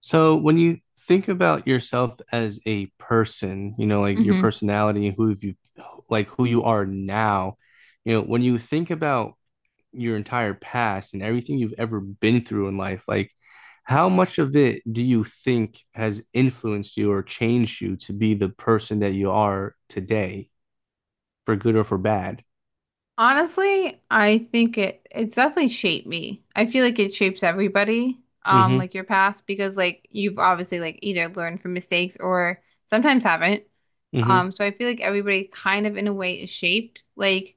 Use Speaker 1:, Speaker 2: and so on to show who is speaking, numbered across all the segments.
Speaker 1: So when you think about yourself as a person, you know, like your
Speaker 2: hmm
Speaker 1: personality, who you like who you are now, you know, when you think about your entire past and everything you've ever been through in life, like how much of it do you think has influenced you or changed you to be the person that you are today, for good or for bad?
Speaker 2: Honestly, I think it's definitely shaped me. I feel like it shapes everybody,
Speaker 1: Mm-hmm.
Speaker 2: like your past, because like you've obviously like either learned from mistakes or sometimes haven't.
Speaker 1: Mm-hmm.
Speaker 2: So I feel like everybody kind of in a way is shaped. Like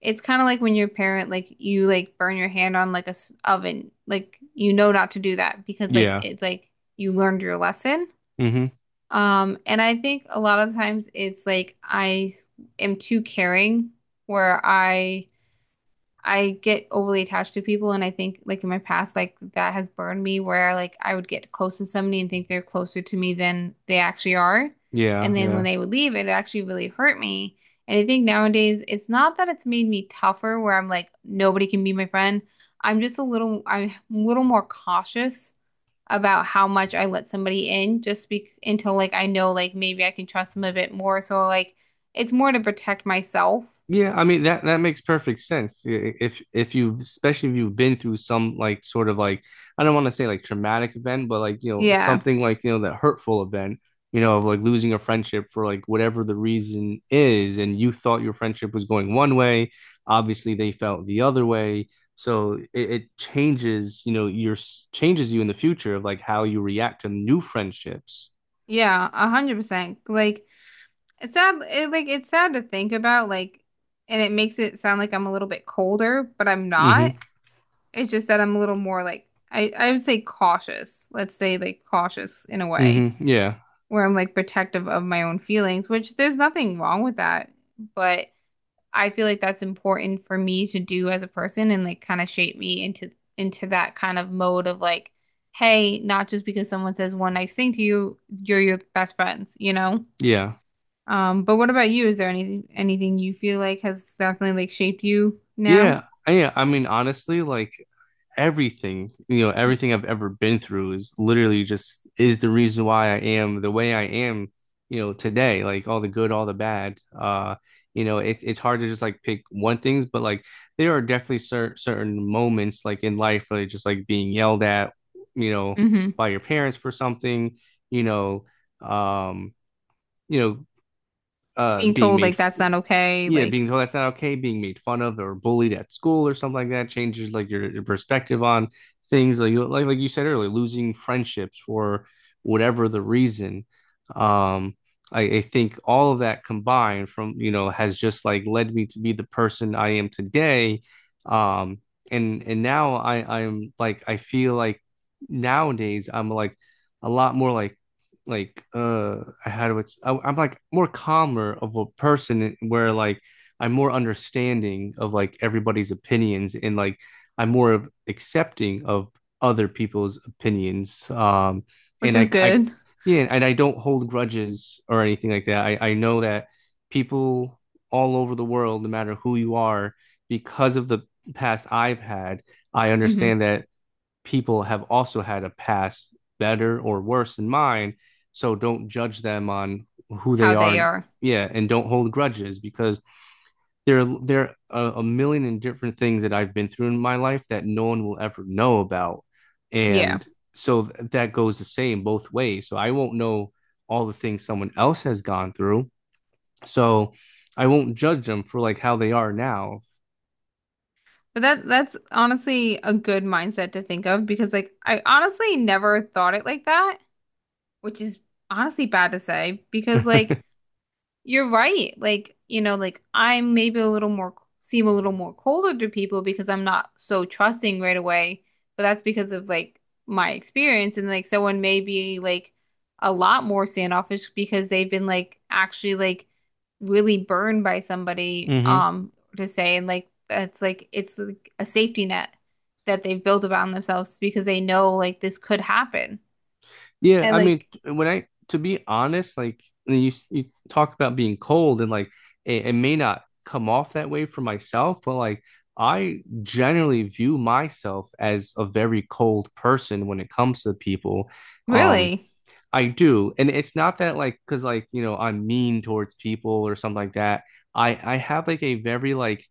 Speaker 2: it's kind of like when your parent like you like burn your hand on like a oven, like you know not to do that because like
Speaker 1: Yeah.
Speaker 2: it's like you learned your lesson.
Speaker 1: Mm-hmm.
Speaker 2: And I think a lot of times it's like I am too caring where I get overly attached to people and I think like in my past like that has burned me where like I would get close to somebody and think they're closer to me than they actually are.
Speaker 1: Yeah.
Speaker 2: And then when
Speaker 1: Yeah.
Speaker 2: they would leave, it actually really hurt me. And I think nowadays it's not that it's made me tougher where I'm like nobody can be my friend. I'm just a little I'm a little more cautious about how much I let somebody in just be until like I know like maybe I can trust them a bit more. So like it's more to protect myself.
Speaker 1: Yeah, I mean that makes perfect sense. If you, especially if you've been through some like sort of like, I don't want to say like traumatic event, but like you know
Speaker 2: Yeah.
Speaker 1: something like, you know, that hurtful event, you know, of like losing a friendship for like whatever the reason is, and you thought your friendship was going one way, obviously they felt the other way. So it changes, you know, changes you in the future of like how you react to new friendships.
Speaker 2: Yeah, 100%. Like it's sad. Like it's sad to think about. Like, and it makes it sound like I'm a little bit colder, but I'm not.
Speaker 1: Mm-hmm.
Speaker 2: It's just that I'm a little more like I would say cautious. Let's say like cautious in a way
Speaker 1: Mm-hmm. Yeah.
Speaker 2: where I'm like protective of my own feelings, which there's nothing wrong with that. But I feel like that's important for me to do as a person and like kind of shape me into that kind of mode of like, hey, not just because someone says one nice thing to you, you're your best friends?
Speaker 1: Yeah.
Speaker 2: But what about you? Is there anything you feel like has definitely like shaped you now?
Speaker 1: Yeah, yeah. I mean, honestly, like everything, you know, everything I've ever been through is literally just is the reason why I am the way I am, you know, today, like all the good, all the bad. You know, it's hard to just like pick one things, but like there are definitely certain moments like in life, like just like being yelled at, you know,
Speaker 2: hmm
Speaker 1: by your parents for something, you know, um, you know,
Speaker 2: Being
Speaker 1: being
Speaker 2: told
Speaker 1: made,
Speaker 2: like that's not okay,
Speaker 1: yeah, being
Speaker 2: like
Speaker 1: told that's not okay, being made fun of or bullied at school or something like that changes like your perspective on things like you like you said earlier, losing friendships for whatever the reason. Um, I think all of that combined from, you know, has just like led me to be the person I am today. Um, and now I feel like nowadays I'm like a lot more like I had what's I, I'm like more calmer of a person where like I'm more understanding of like everybody's opinions, and like I'm more of accepting of other people's opinions.
Speaker 2: which
Speaker 1: And
Speaker 2: is
Speaker 1: I
Speaker 2: good.
Speaker 1: Yeah, and I don't hold grudges or anything like that. I know that people all over the world, no matter who you are, because of the past I've had, I
Speaker 2: hmm
Speaker 1: understand that people have also had a past better or worse than mine. So don't judge them on who
Speaker 2: How
Speaker 1: they
Speaker 2: they
Speaker 1: are.
Speaker 2: are.
Speaker 1: Yeah, and don't hold grudges because there are a million and different things that I've been through in my life that no one will ever know about,
Speaker 2: Yeah.
Speaker 1: and so that goes the same both ways. So I won't know all the things someone else has gone through. So I won't judge them for like how they are now.
Speaker 2: But that's honestly a good mindset to think of because like I honestly never thought it like that, which is honestly bad to say because like you're right. Like, you know, like I am maybe a little more seem a little more colder to people because I'm not so trusting right away, but that's because of like my experience and like someone may be like a lot more standoffish because they've been like actually like really burned by somebody
Speaker 1: Mm-hmm.
Speaker 2: to say and like that's like it's like a safety net that they've built around themselves because they know like this could happen.
Speaker 1: Yeah,
Speaker 2: And
Speaker 1: I mean,
Speaker 2: like
Speaker 1: when I to be honest, like you talk about being cold, and like it may not come off that way for myself, but like I generally view myself as a very cold person when it comes to people. Um,
Speaker 2: really?
Speaker 1: I do, and it's not that like, because like, you know, I'm mean towards people or something like that. I have like a very like,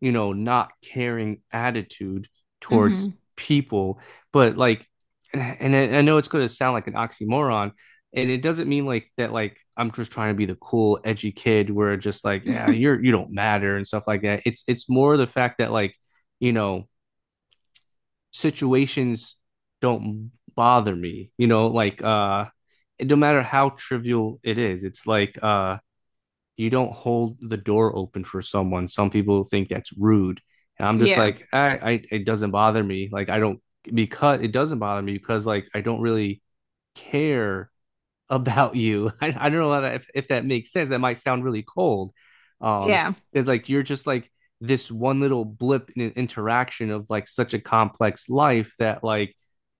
Speaker 1: you know, not caring attitude towards
Speaker 2: hmm
Speaker 1: people. But like, and I know it's going to sound like an oxymoron, and it doesn't mean like that. Like I'm just trying to be the cool, edgy kid where just like, yeah, you don't matter and stuff like that. It's more the fact that like, you know, situations don't bother me. You know, like, no matter how trivial it is, it's like, you don't hold the door open for someone. Some people think that's rude. And I'm just
Speaker 2: Yeah.
Speaker 1: like, I, it doesn't bother me. Like I don't, because it doesn't bother me, because like I don't really care about you. I don't know if that makes sense. That might sound really cold. Um,
Speaker 2: Yeah.
Speaker 1: it's like you're just like this one little blip in an interaction of like such a complex life that like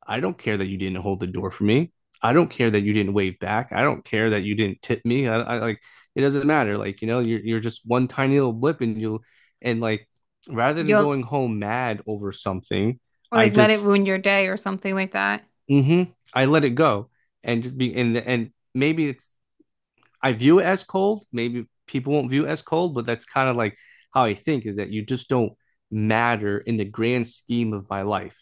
Speaker 1: I don't care that you didn't hold the door for me. I don't care that you didn't wave back. I don't care that you didn't tip me. I like it doesn't matter. Like, you know, you're just one tiny little blip, and you will and like rather than
Speaker 2: You'll
Speaker 1: going home mad over something,
Speaker 2: or,
Speaker 1: I
Speaker 2: like let it
Speaker 1: just,
Speaker 2: ruin your day or something like that.
Speaker 1: mm-hmm, I let it go and just be, and maybe it's, I view it as cold. Maybe people won't view it as cold, but that's kind of like how I think, is that you just don't matter in the grand scheme of my life.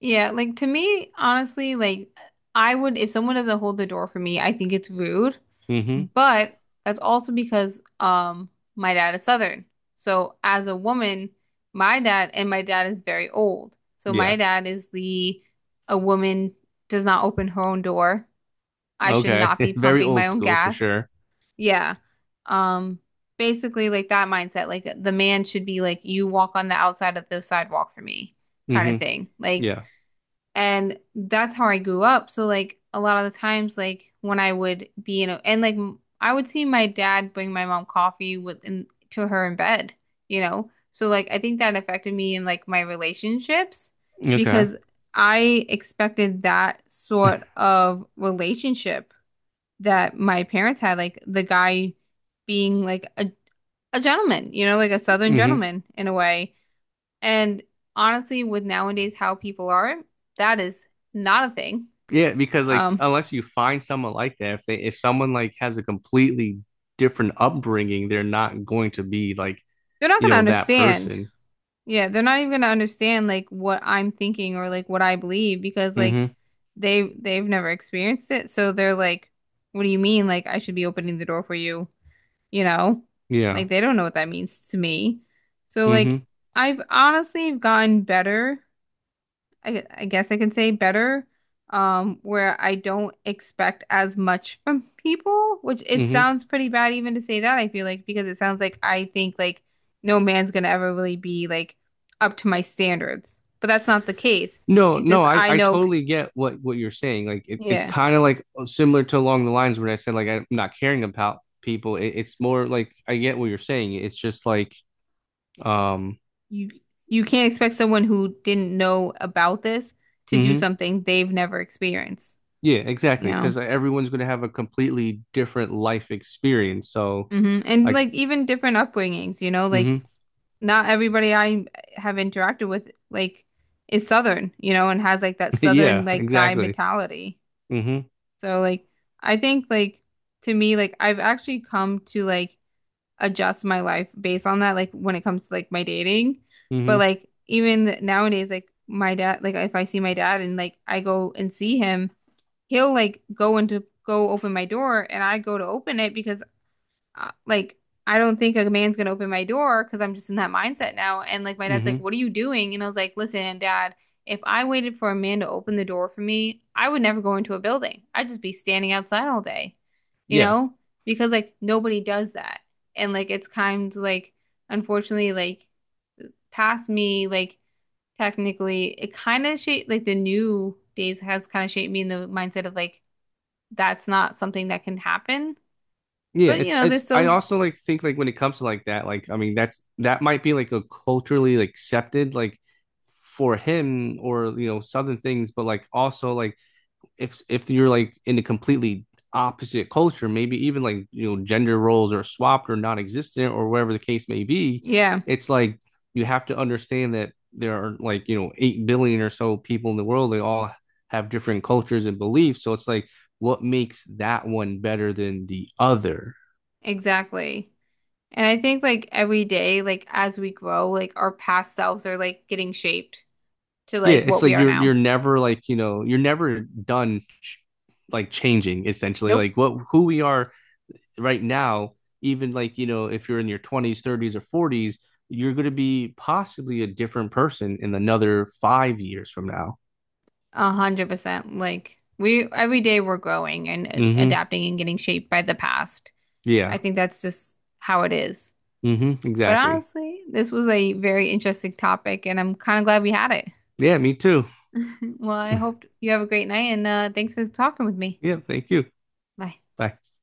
Speaker 2: Yeah, like to me, honestly, like I would if someone doesn't hold the door for me, I think it's rude.
Speaker 1: Hmm.
Speaker 2: But that's also because my dad is Southern. So as a woman, my dad is very old. So my
Speaker 1: Yeah.
Speaker 2: dad is the a woman does not open her own door. I should
Speaker 1: Okay.
Speaker 2: not be
Speaker 1: Very
Speaker 2: pumping my
Speaker 1: old
Speaker 2: own
Speaker 1: school for
Speaker 2: gas.
Speaker 1: sure.
Speaker 2: Yeah. Um, basically like that mindset, like the man should be like, you walk on the outside of the sidewalk for me, kind of
Speaker 1: Hmm.
Speaker 2: thing. Like,
Speaker 1: Yeah.
Speaker 2: and that's how I grew up. So like a lot of the times, like when I would be in a, and like m- I would see my dad bring my mom coffee to her in bed, you know? So like I think that affected me in like my relationships
Speaker 1: Okay.
Speaker 2: because I expected that sort of relationship that my parents had, like the guy being like a gentleman, you know, like a Southern
Speaker 1: Hmm.
Speaker 2: gentleman in a way. And honestly, with nowadays how people are, that is not a thing.
Speaker 1: Yeah, because like,
Speaker 2: Um,
Speaker 1: unless you find someone like that, if they, if someone like has a completely different upbringing, they're not going to be like,
Speaker 2: they're not
Speaker 1: you
Speaker 2: gonna
Speaker 1: know, that
Speaker 2: understand.
Speaker 1: person.
Speaker 2: Yeah, they're not even gonna understand like what I'm thinking or like what I believe because like
Speaker 1: Hmm.
Speaker 2: they've never experienced it. So they're like, what do you mean? Like I should be opening the door for you you know? Like
Speaker 1: Yeah.
Speaker 2: they don't know what that means to me. So like
Speaker 1: Hmm.
Speaker 2: I've honestly gotten better. I guess I can say better, where I don't expect as much from people, which it
Speaker 1: Hmm.
Speaker 2: sounds pretty bad even to say that, I feel like, because it sounds like I think like no man's gonna ever really be like up to my standards. But that's not the case.
Speaker 1: No,
Speaker 2: It's
Speaker 1: no,
Speaker 2: just
Speaker 1: I,
Speaker 2: I
Speaker 1: I
Speaker 2: know,
Speaker 1: totally get what you're saying. Like it's
Speaker 2: yeah,
Speaker 1: kind of like, similar to along the lines when I said like I'm not caring about people. It's more like I get what you're saying. It's just like, um
Speaker 2: you you can't expect someone who didn't know about this to do
Speaker 1: mhm.
Speaker 2: something they've never experienced.
Speaker 1: Yeah, exactly.
Speaker 2: Yeah.
Speaker 1: Because everyone's going to have a completely different life experience. So
Speaker 2: And
Speaker 1: like,
Speaker 2: like even different upbringings, you know, like
Speaker 1: mhm.
Speaker 2: not everybody I have interacted with like is Southern, you know, and has like that Southern
Speaker 1: Yeah,
Speaker 2: like guy
Speaker 1: exactly.
Speaker 2: mentality.
Speaker 1: Mhm.
Speaker 2: So like I think like to me like I've actually come to like adjust my life based on that like when it comes to like my dating. But
Speaker 1: Mhm.
Speaker 2: like even nowadays like my dad like if I see my dad and like I go and see him, he'll like go into go open my door and I go to open it because like I don't think a man's gonna open my door because I'm just in that mindset now. And like my dad's like,
Speaker 1: Mhm.
Speaker 2: "What are you doing?" And I was like, "Listen, Dad, if I waited for a man to open the door for me, I would never go into a building. I'd just be standing outside all day, you
Speaker 1: Yeah.
Speaker 2: know, because like nobody does that. And like it's kind of like unfortunately like past me like technically it kind of shaped like the new days has kind of shaped me in the mindset of like that's not something that can happen.
Speaker 1: Yeah,
Speaker 2: But you
Speaker 1: it's
Speaker 2: know, there's
Speaker 1: it's I
Speaker 2: still
Speaker 1: also like think like when it comes to like that, like I mean that might be like a culturally like accepted like for him, or you know, southern things, but like also like if you're like in a completely opposite culture, maybe even like, you know, gender roles are swapped or non-existent or whatever the case may be,
Speaker 2: yeah.
Speaker 1: it's like you have to understand that there are, like, you know, 8 billion or so people in the world, they all have different cultures and beliefs, so it's like what makes that one better than the other?
Speaker 2: Exactly. And I think like every day, like as we grow, like our past selves are like getting shaped to
Speaker 1: Yeah,
Speaker 2: like what
Speaker 1: it's
Speaker 2: we
Speaker 1: like
Speaker 2: are now.
Speaker 1: you're never like, you know, you're never done like changing essentially.
Speaker 2: Nope.
Speaker 1: Like what, who we are right now, even like, you know, if you're in your 20s, 30s or 40s, you're going to be possibly a different person in another 5 years from now.
Speaker 2: 100%. Like we every day we're growing and
Speaker 1: Mhm.
Speaker 2: adapting and getting shaped by the past. I
Speaker 1: Yeah.
Speaker 2: think that's just how it is.
Speaker 1: Mhm.
Speaker 2: But
Speaker 1: Exactly.
Speaker 2: honestly, this was a very interesting topic and I'm kind of glad we had it.
Speaker 1: Yeah, me too.
Speaker 2: Well, I hope you have a great night and thanks for talking with me.
Speaker 1: Yeah, thank you.
Speaker 2: Bye.
Speaker 1: Bye.